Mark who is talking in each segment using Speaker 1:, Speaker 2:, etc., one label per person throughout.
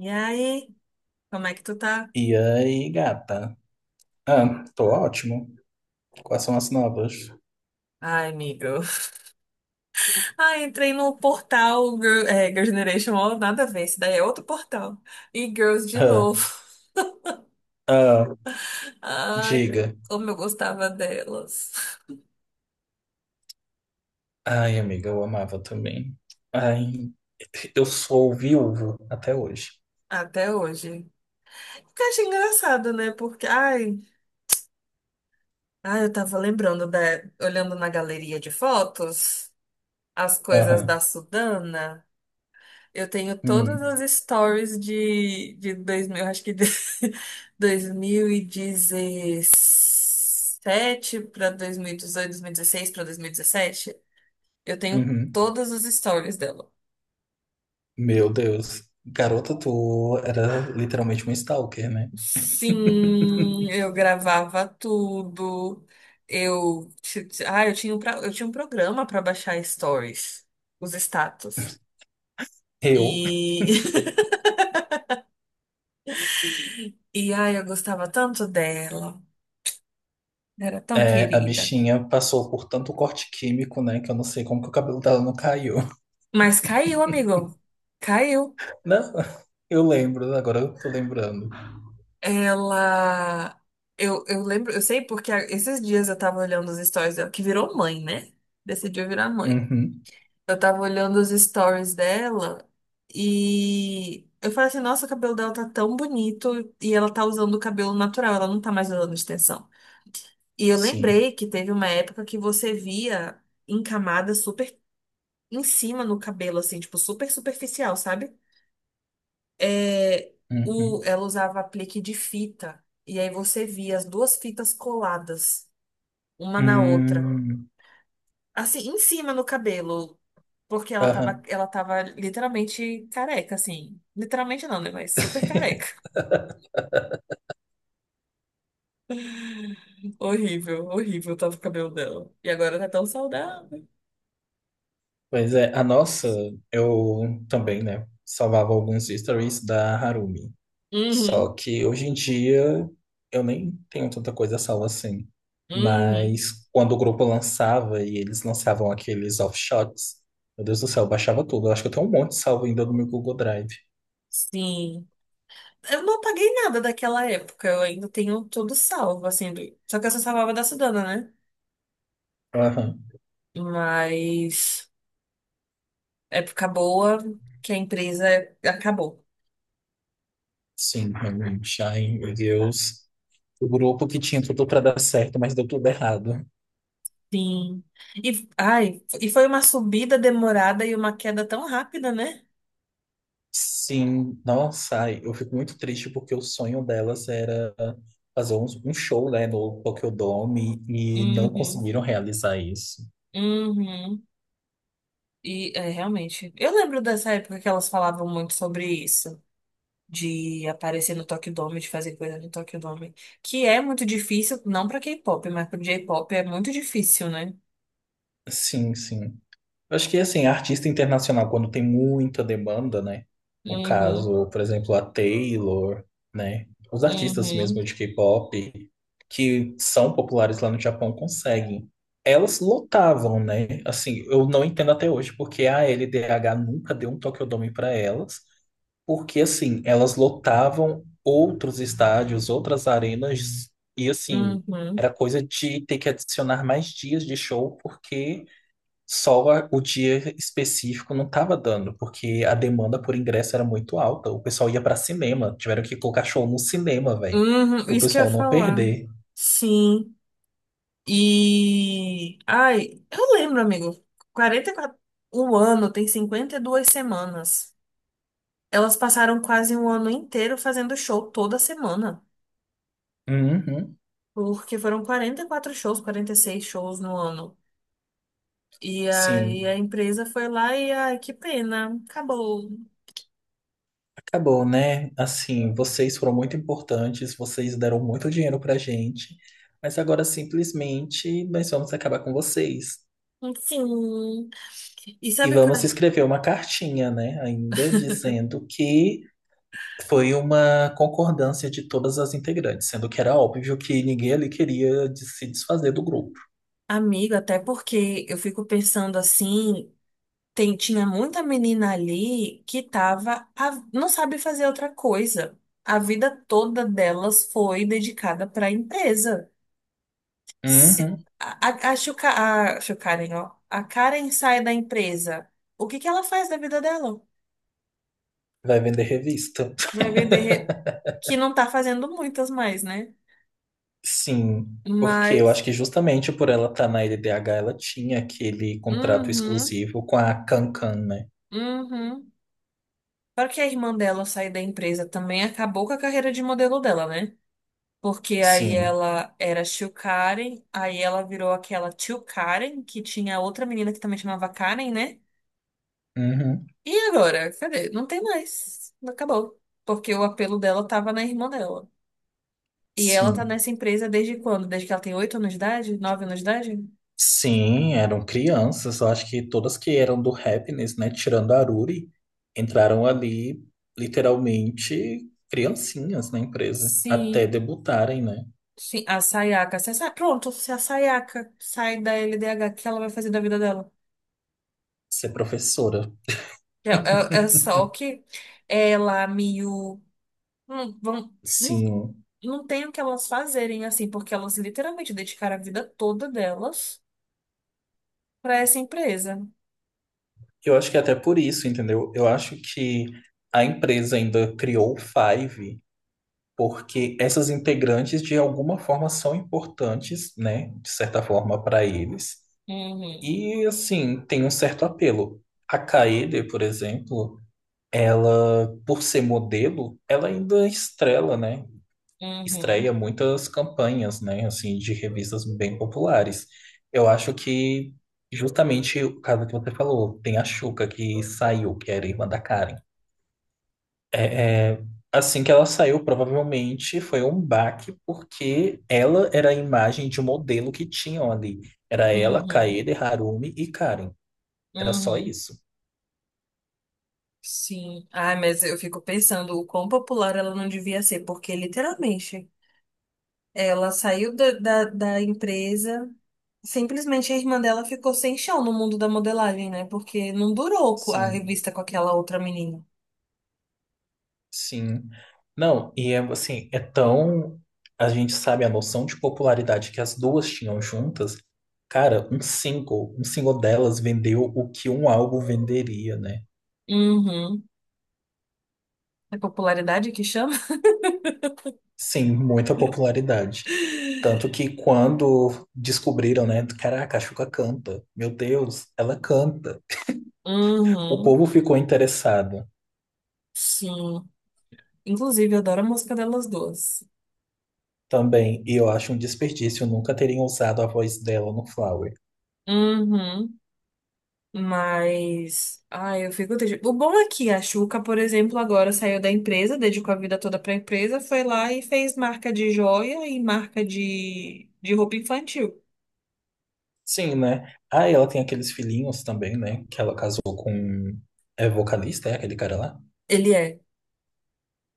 Speaker 1: E aí, como é que tu tá?
Speaker 2: E aí, gata? Ah, tô ótimo. Quais são as novas?
Speaker 1: Ai, amigo. Ai, entrei no portal Girl, é, Girl Generation, ó, nada a ver, isso daí é outro portal. E Girls de
Speaker 2: Ah,
Speaker 1: novo.
Speaker 2: ah,
Speaker 1: Ai,
Speaker 2: diga.
Speaker 1: como eu gostava delas.
Speaker 2: Ai, amiga, eu amava também. Ai, eu sou viúvo até hoje.
Speaker 1: Até hoje. Porque eu achei engraçado, né? Porque, ai, ai, eu tava lembrando, olhando na galeria de fotos, as coisas
Speaker 2: Aham.
Speaker 1: da Sudana. Eu tenho todas
Speaker 2: Hum,
Speaker 1: as stories de 2000, acho que de 2017 para 2018, 2016 para 2017. Eu tenho
Speaker 2: uhum.
Speaker 1: todas as stories dela.
Speaker 2: Meu Deus. Garota, tu era literalmente um stalker, né?
Speaker 1: Sim, eu gravava tudo. Eu, ti- ti- ah, eu tinha um programa para baixar stories, os status.
Speaker 2: Eu,
Speaker 1: E, e ai, eu gostava tanto dela. Era tão
Speaker 2: é, a
Speaker 1: querida.
Speaker 2: bichinha passou por tanto corte químico, né, que eu não sei como que o cabelo dela não caiu.
Speaker 1: Mas caiu, amigo. Caiu.
Speaker 2: Não, eu lembro, agora eu tô lembrando.
Speaker 1: Ela. Eu lembro, eu sei porque esses dias eu tava olhando os stories dela, que virou mãe, né? Decidiu virar mãe.
Speaker 2: Uhum,
Speaker 1: Eu tava olhando os stories dela e eu falei assim: nossa, o cabelo dela tá tão bonito e ela tá usando o cabelo natural, ela não tá mais usando extensão. E eu
Speaker 2: sim.
Speaker 1: lembrei que teve uma época que você via em camada super em cima no cabelo, assim, tipo, super superficial, sabe? é, o,
Speaker 2: Uhum.
Speaker 1: ela usava aplique de fita. E aí você via as duas fitas coladas, uma na outra.
Speaker 2: Hum,
Speaker 1: Assim, em cima no cabelo. Porque ela tava,
Speaker 2: aham.
Speaker 1: ela tava literalmente careca, assim. Literalmente não, né? Mas super careca. Horrível, horrível tava o cabelo dela. E agora tá tão saudável.
Speaker 2: Pois é, a nossa, eu também, né, salvava alguns stories da Harumi.
Speaker 1: Uhum,
Speaker 2: Só que hoje em dia eu nem tenho tanta coisa salva assim.
Speaker 1: uhum.
Speaker 2: Mas quando o grupo lançava e eles lançavam aqueles offshots, meu Deus do céu, eu baixava tudo. Eu acho que eu tenho um monte salvo ainda no meu Google Drive.
Speaker 1: Sim. Eu não apaguei nada daquela época. Eu ainda tenho tudo salvo, assim. Só que eu só salvava da Sudana, né?
Speaker 2: Aham.
Speaker 1: Mas. Época boa que a empresa acabou.
Speaker 2: Sim, realmente. Ai, meu Deus. O grupo que tinha tudo pra dar certo, mas deu tudo errado.
Speaker 1: Sim. E, ai, e foi uma subida demorada e uma queda tão rápida, né?
Speaker 2: Sim, nossa, ai, eu fico muito triste porque o sonho delas era fazer um show, né, no Tokyo Dome e não
Speaker 1: Uhum.
Speaker 2: conseguiram realizar isso.
Speaker 1: Uhum. E é, realmente. Eu lembro dessa época que elas falavam muito sobre isso, de aparecer no Tokyo Dome, de fazer coisa no Tokyo Dome, que é muito difícil, não pra K-pop, mas pro J-pop é muito difícil, né?
Speaker 2: Sim, sim. Eu Acho que assim, artista internacional, quando tem muita demanda, né? No
Speaker 1: Uhum,
Speaker 2: caso, por exemplo, a Taylor, né? Os artistas
Speaker 1: uhum,
Speaker 2: mesmo de K-pop, que são populares lá no Japão, conseguem. Elas lotavam, né? Assim, eu não entendo até hoje porque a LDH nunca deu um Tokyo Dome para elas. Porque assim, elas lotavam outros estádios, outras arenas, e assim,
Speaker 1: uhum,
Speaker 2: era coisa de ter que adicionar mais dias de show, porque só a- o dia específico não estava dando, porque a demanda por ingresso era muito alta. O pessoal ia para cinema, tiveram que colocar show no cinema, velho,
Speaker 1: uhum.
Speaker 2: para o
Speaker 1: Isso que eu ia
Speaker 2: pessoal não
Speaker 1: falar.
Speaker 2: perder.
Speaker 1: Sim. E. Ai, eu lembro, amigo. 44. O ano tem 52 semanas. Elas passaram quase um ano inteiro fazendo show toda semana.
Speaker 2: Uhum,
Speaker 1: Porque foram 44 shows, 46 shows no ano. E
Speaker 2: sim.
Speaker 1: aí a empresa foi lá e, ai, que pena, acabou.
Speaker 2: Acabou, né? Assim, vocês foram muito importantes, vocês deram muito dinheiro pra gente, mas agora simplesmente nós vamos acabar com vocês.
Speaker 1: Enfim. E
Speaker 2: E
Speaker 1: sabe que,
Speaker 2: vamos escrever uma cartinha, né? Ainda dizendo que foi uma concordância de todas as integrantes, sendo que era óbvio que ninguém ali queria de- se desfazer do grupo.
Speaker 1: amigo, até porque eu fico pensando assim. Tinha muita menina ali que tava, não sabe fazer outra coisa. A vida toda delas foi dedicada para a empresa. Se,
Speaker 2: Uhum.
Speaker 1: a, a, Chu Karen, ó, a Karen sai da empresa. O que que ela faz da vida dela?
Speaker 2: Vai vender revista.
Speaker 1: Vai vender que não tá fazendo muitas mais, né?
Speaker 2: Sim, porque eu
Speaker 1: Mas,
Speaker 2: acho que justamente por ela estar na LDH, ela tinha aquele contrato
Speaker 1: uhum,
Speaker 2: exclusivo com a Cancan, né?
Speaker 1: uhum. Claro que a irmã dela sair da empresa também acabou com a carreira de modelo dela, né? Porque aí
Speaker 2: Sim.
Speaker 1: ela era Shio Karen, aí ela virou aquela Tio Karen, que tinha outra menina que também chamava Karen, né?
Speaker 2: Uhum,
Speaker 1: E agora? Cadê? Não tem mais. Acabou. Porque o apelo dela tava na irmã dela. E ela tá
Speaker 2: sim.
Speaker 1: nessa empresa desde quando? Desde que ela tem 8 anos de idade? 9 anos de idade?
Speaker 2: Sim, eram crianças. Eu acho que todas que eram do Happiness, né? Tirando a Aruri, entraram ali literalmente criancinhas na empresa. Até
Speaker 1: Sim.
Speaker 2: debutarem, né?
Speaker 1: Sim, a Sayaka. Pronto, se a Sayaka sai da LDH, o que ela vai fazer da vida dela?
Speaker 2: Ser professora.
Speaker 1: É, é é só que ela, Miyu. Vamos.
Speaker 2: Sim.
Speaker 1: Não tem o que elas fazerem, assim, porque elas literalmente dedicaram a vida toda delas para essa empresa.
Speaker 2: Eu acho que é até por isso, entendeu? Eu acho que a empresa ainda criou o Five, porque essas integrantes, de alguma forma, são importantes, né? De certa forma, para eles.
Speaker 1: Uhum,
Speaker 2: E assim, tem um certo apelo. A Kaede, por exemplo, ela, por ser modelo, ela ainda estrela, né?
Speaker 1: uhum,
Speaker 2: Estreia muitas campanhas, né? Assim, de revistas bem populares. Eu acho que justamente o caso que você falou, tem a Shuka que saiu, que era irmã da Karen. É, é, assim que ela saiu, provavelmente foi um baque, porque ela era a imagem de modelo que tinham ali. Era ela,
Speaker 1: uhum,
Speaker 2: Kaede, Harumi e Karen. Era só
Speaker 1: uhum.
Speaker 2: isso.
Speaker 1: Sim. Ai, mas eu fico pensando o quão popular ela não devia ser, porque literalmente ela saiu da empresa, simplesmente a irmã dela ficou sem chão no mundo da modelagem, né? Porque não durou a
Speaker 2: Sim,
Speaker 1: revista com aquela outra menina.
Speaker 2: sim. Não, e é assim, é tão. A gente sabe a noção de popularidade que as duas tinham juntas. Cara, um single delas vendeu o que um álbum venderia, né?
Speaker 1: Uhum. É popularidade que chama?
Speaker 2: Sim, muita popularidade. Tanto que quando descobriram, né? Caraca, a Xuca canta. Meu Deus, ela canta. O
Speaker 1: Uhum.
Speaker 2: povo ficou interessado
Speaker 1: Sim. Inclusive, eu adoro a música delas duas.
Speaker 2: também. E eu acho um desperdício nunca terem usado a voz dela no Flower.
Speaker 1: Uhum. Mas, ai, eu fico triste. O bom é que a Xuca, por exemplo, agora saiu da empresa, dedicou a vida toda pra empresa, foi lá e fez marca de joia e marca de roupa infantil.
Speaker 2: Sim, né? Ah, e ela tem aqueles filhinhos também, né? Que ela casou com. É vocalista, é aquele cara lá?
Speaker 1: Ele é.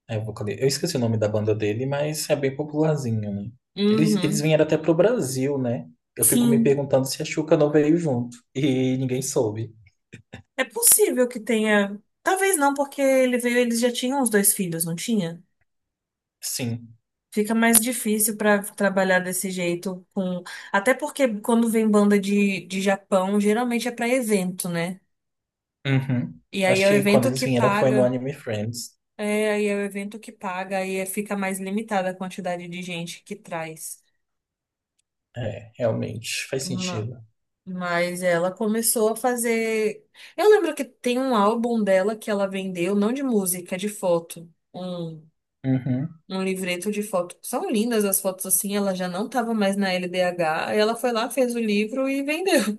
Speaker 2: É vocalista. Eu esqueci o nome da banda dele, mas é bem popularzinho, né? Eles
Speaker 1: Uhum.
Speaker 2: vieram até pro Brasil, né? Eu fico me
Speaker 1: Sim.
Speaker 2: perguntando se a Xuca não veio junto. E ninguém soube.
Speaker 1: É possível que tenha. Talvez não, porque ele veio, eles já tinham os dois filhos, não tinha?
Speaker 2: Sim.
Speaker 1: Fica mais difícil para trabalhar desse jeito com. Até porque quando vem banda de Japão, geralmente é para evento, né?
Speaker 2: Uhum.
Speaker 1: E aí
Speaker 2: Acho
Speaker 1: é o
Speaker 2: que quando
Speaker 1: evento
Speaker 2: eles
Speaker 1: que
Speaker 2: vieram foi no
Speaker 1: paga.
Speaker 2: Anime Friends.
Speaker 1: É, aí é o evento que paga, fica mais limitada a quantidade de gente que traz.
Speaker 2: É, realmente. Faz
Speaker 1: Ma-
Speaker 2: sentido.
Speaker 1: Mas ela começou a fazer. Eu lembro que tem um álbum dela que ela vendeu, não de música, de foto. Um,
Speaker 2: Uhum.
Speaker 1: um livreto de foto. São lindas as fotos assim, ela já não estava mais na LDH, aí ela foi lá, fez o livro e vendeu.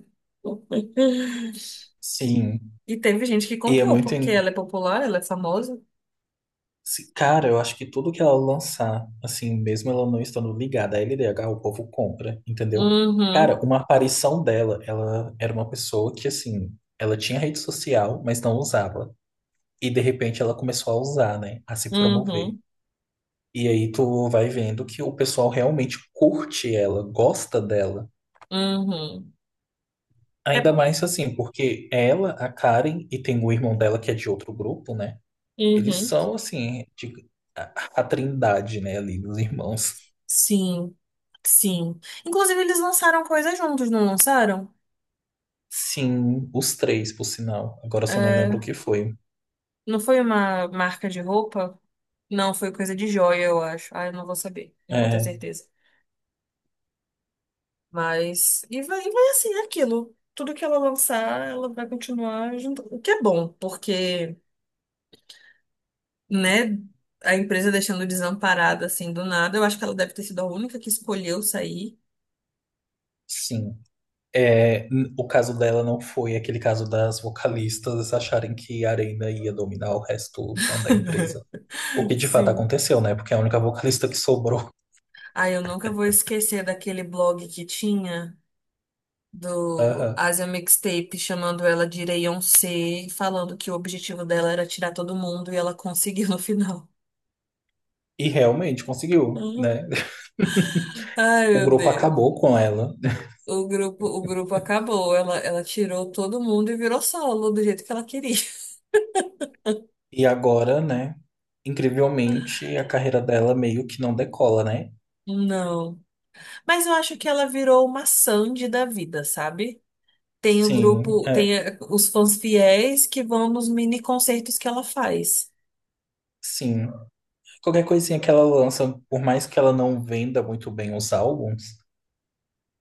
Speaker 2: Sim.
Speaker 1: E teve gente que
Speaker 2: E é
Speaker 1: comprou,
Speaker 2: muito.
Speaker 1: porque ela é popular, ela é famosa.
Speaker 2: Se- Cara, eu acho que tudo que ela lançar, assim, mesmo ela não estando ligada à LDH, o povo compra, entendeu? Cara,
Speaker 1: Uhum,
Speaker 2: uma aparição dela, ela era uma pessoa que, assim, ela tinha rede social, mas não usava. E, de repente, ela começou a usar, né? A se promover.
Speaker 1: uhum,
Speaker 2: E aí tu vai vendo que o pessoal realmente curte ela, gosta dela.
Speaker 1: uhum. É
Speaker 2: Ainda
Speaker 1: por.
Speaker 2: mais, assim, porque ela, a Karen, e tem o irmão dela que é de outro grupo, né? Eles
Speaker 1: Uhum.
Speaker 2: são, assim, de- a a trindade, né, ali dos irmãos.
Speaker 1: Sim, sim. Inclusive, eles lançaram coisas juntos, não lançaram?
Speaker 2: Sim, os três, por sinal. Agora eu só não lembro
Speaker 1: É,
Speaker 2: o que foi.
Speaker 1: não foi uma marca de roupa? Não, foi coisa de joia, eu acho. Ah, eu não vou saber, não vou ter
Speaker 2: É,
Speaker 1: certeza. Mas. E vai assim, é aquilo. Tudo que ela lançar, ela vai continuar junto. O que é bom, porque. Né? A empresa deixando desamparada assim do nada. Eu acho que ela deve ter sido a única que escolheu sair.
Speaker 2: sim. É, n- o caso dela não foi aquele caso das vocalistas acharem que a Arena ia dominar o resto, né, da empresa. O que de fato
Speaker 1: Sim.
Speaker 2: aconteceu, né? Porque é a única vocalista que sobrou.
Speaker 1: Ai, eu nunca vou esquecer daquele blog que tinha do
Speaker 2: Aham.
Speaker 1: Asia Mixtape chamando ela de Reyoncé, falando que o objetivo dela era tirar todo mundo e ela conseguiu no final.
Speaker 2: E realmente conseguiu,
Speaker 1: Hum.
Speaker 2: né?
Speaker 1: Ai,
Speaker 2: O
Speaker 1: meu
Speaker 2: grupo
Speaker 1: Deus.
Speaker 2: acabou com ela.
Speaker 1: O grupo acabou. Ela tirou todo mundo e virou solo do jeito que ela queria.
Speaker 2: E agora, né? Incrivelmente, a carreira dela meio que não decola, né?
Speaker 1: Não. Mas eu acho que ela virou uma Sandy da vida, sabe? Tem o
Speaker 2: Sim,
Speaker 1: grupo,
Speaker 2: é,
Speaker 1: tem os fãs fiéis que vão nos mini concertos que ela faz.
Speaker 2: sim. Qualquer coisinha que ela lança, por mais que ela não venda muito bem os álbuns,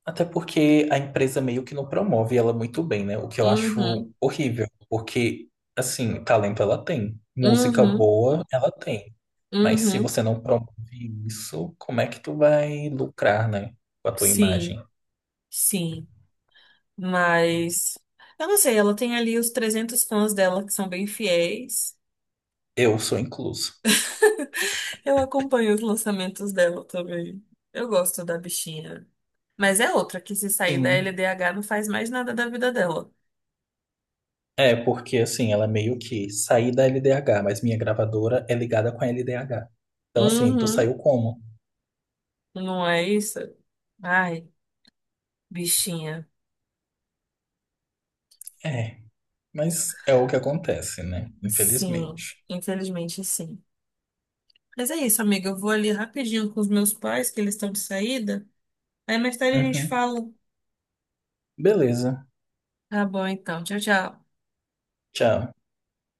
Speaker 2: até porque a empresa meio que não promove ela muito bem, né? O que eu acho
Speaker 1: Uhum,
Speaker 2: horrível, porque, assim, talento ela tem, música
Speaker 1: uhum,
Speaker 2: boa ela tem, mas se
Speaker 1: uhum.
Speaker 2: você não promove isso, como é que tu vai lucrar, né? Com a tua
Speaker 1: Sim,
Speaker 2: imagem?
Speaker 1: sim. Mas eu não sei, ela tem ali os 300 fãs dela que são bem fiéis.
Speaker 2: Eu sou incluso.
Speaker 1: Eu acompanho os lançamentos dela também. Eu gosto da bichinha. Mas é outra que se sair da
Speaker 2: Sim.
Speaker 1: LDH não faz mais nada da vida dela.
Speaker 2: É, porque, assim, ela é meio que saí da LDH, mas minha gravadora é ligada com a LDH. Então, assim, tu
Speaker 1: Uhum,
Speaker 2: saiu como?
Speaker 1: não é isso? Ai, bichinha.
Speaker 2: É. Mas é o que acontece, né?
Speaker 1: Sim,
Speaker 2: Infelizmente.
Speaker 1: infelizmente sim. Mas é isso, amiga. Eu vou ali rapidinho com os meus pais, que eles estão de saída. Aí mais tarde a gente
Speaker 2: Uhum.
Speaker 1: fala.
Speaker 2: Beleza.
Speaker 1: Tá bom, então. Tchau, tchau.
Speaker 2: Tchau.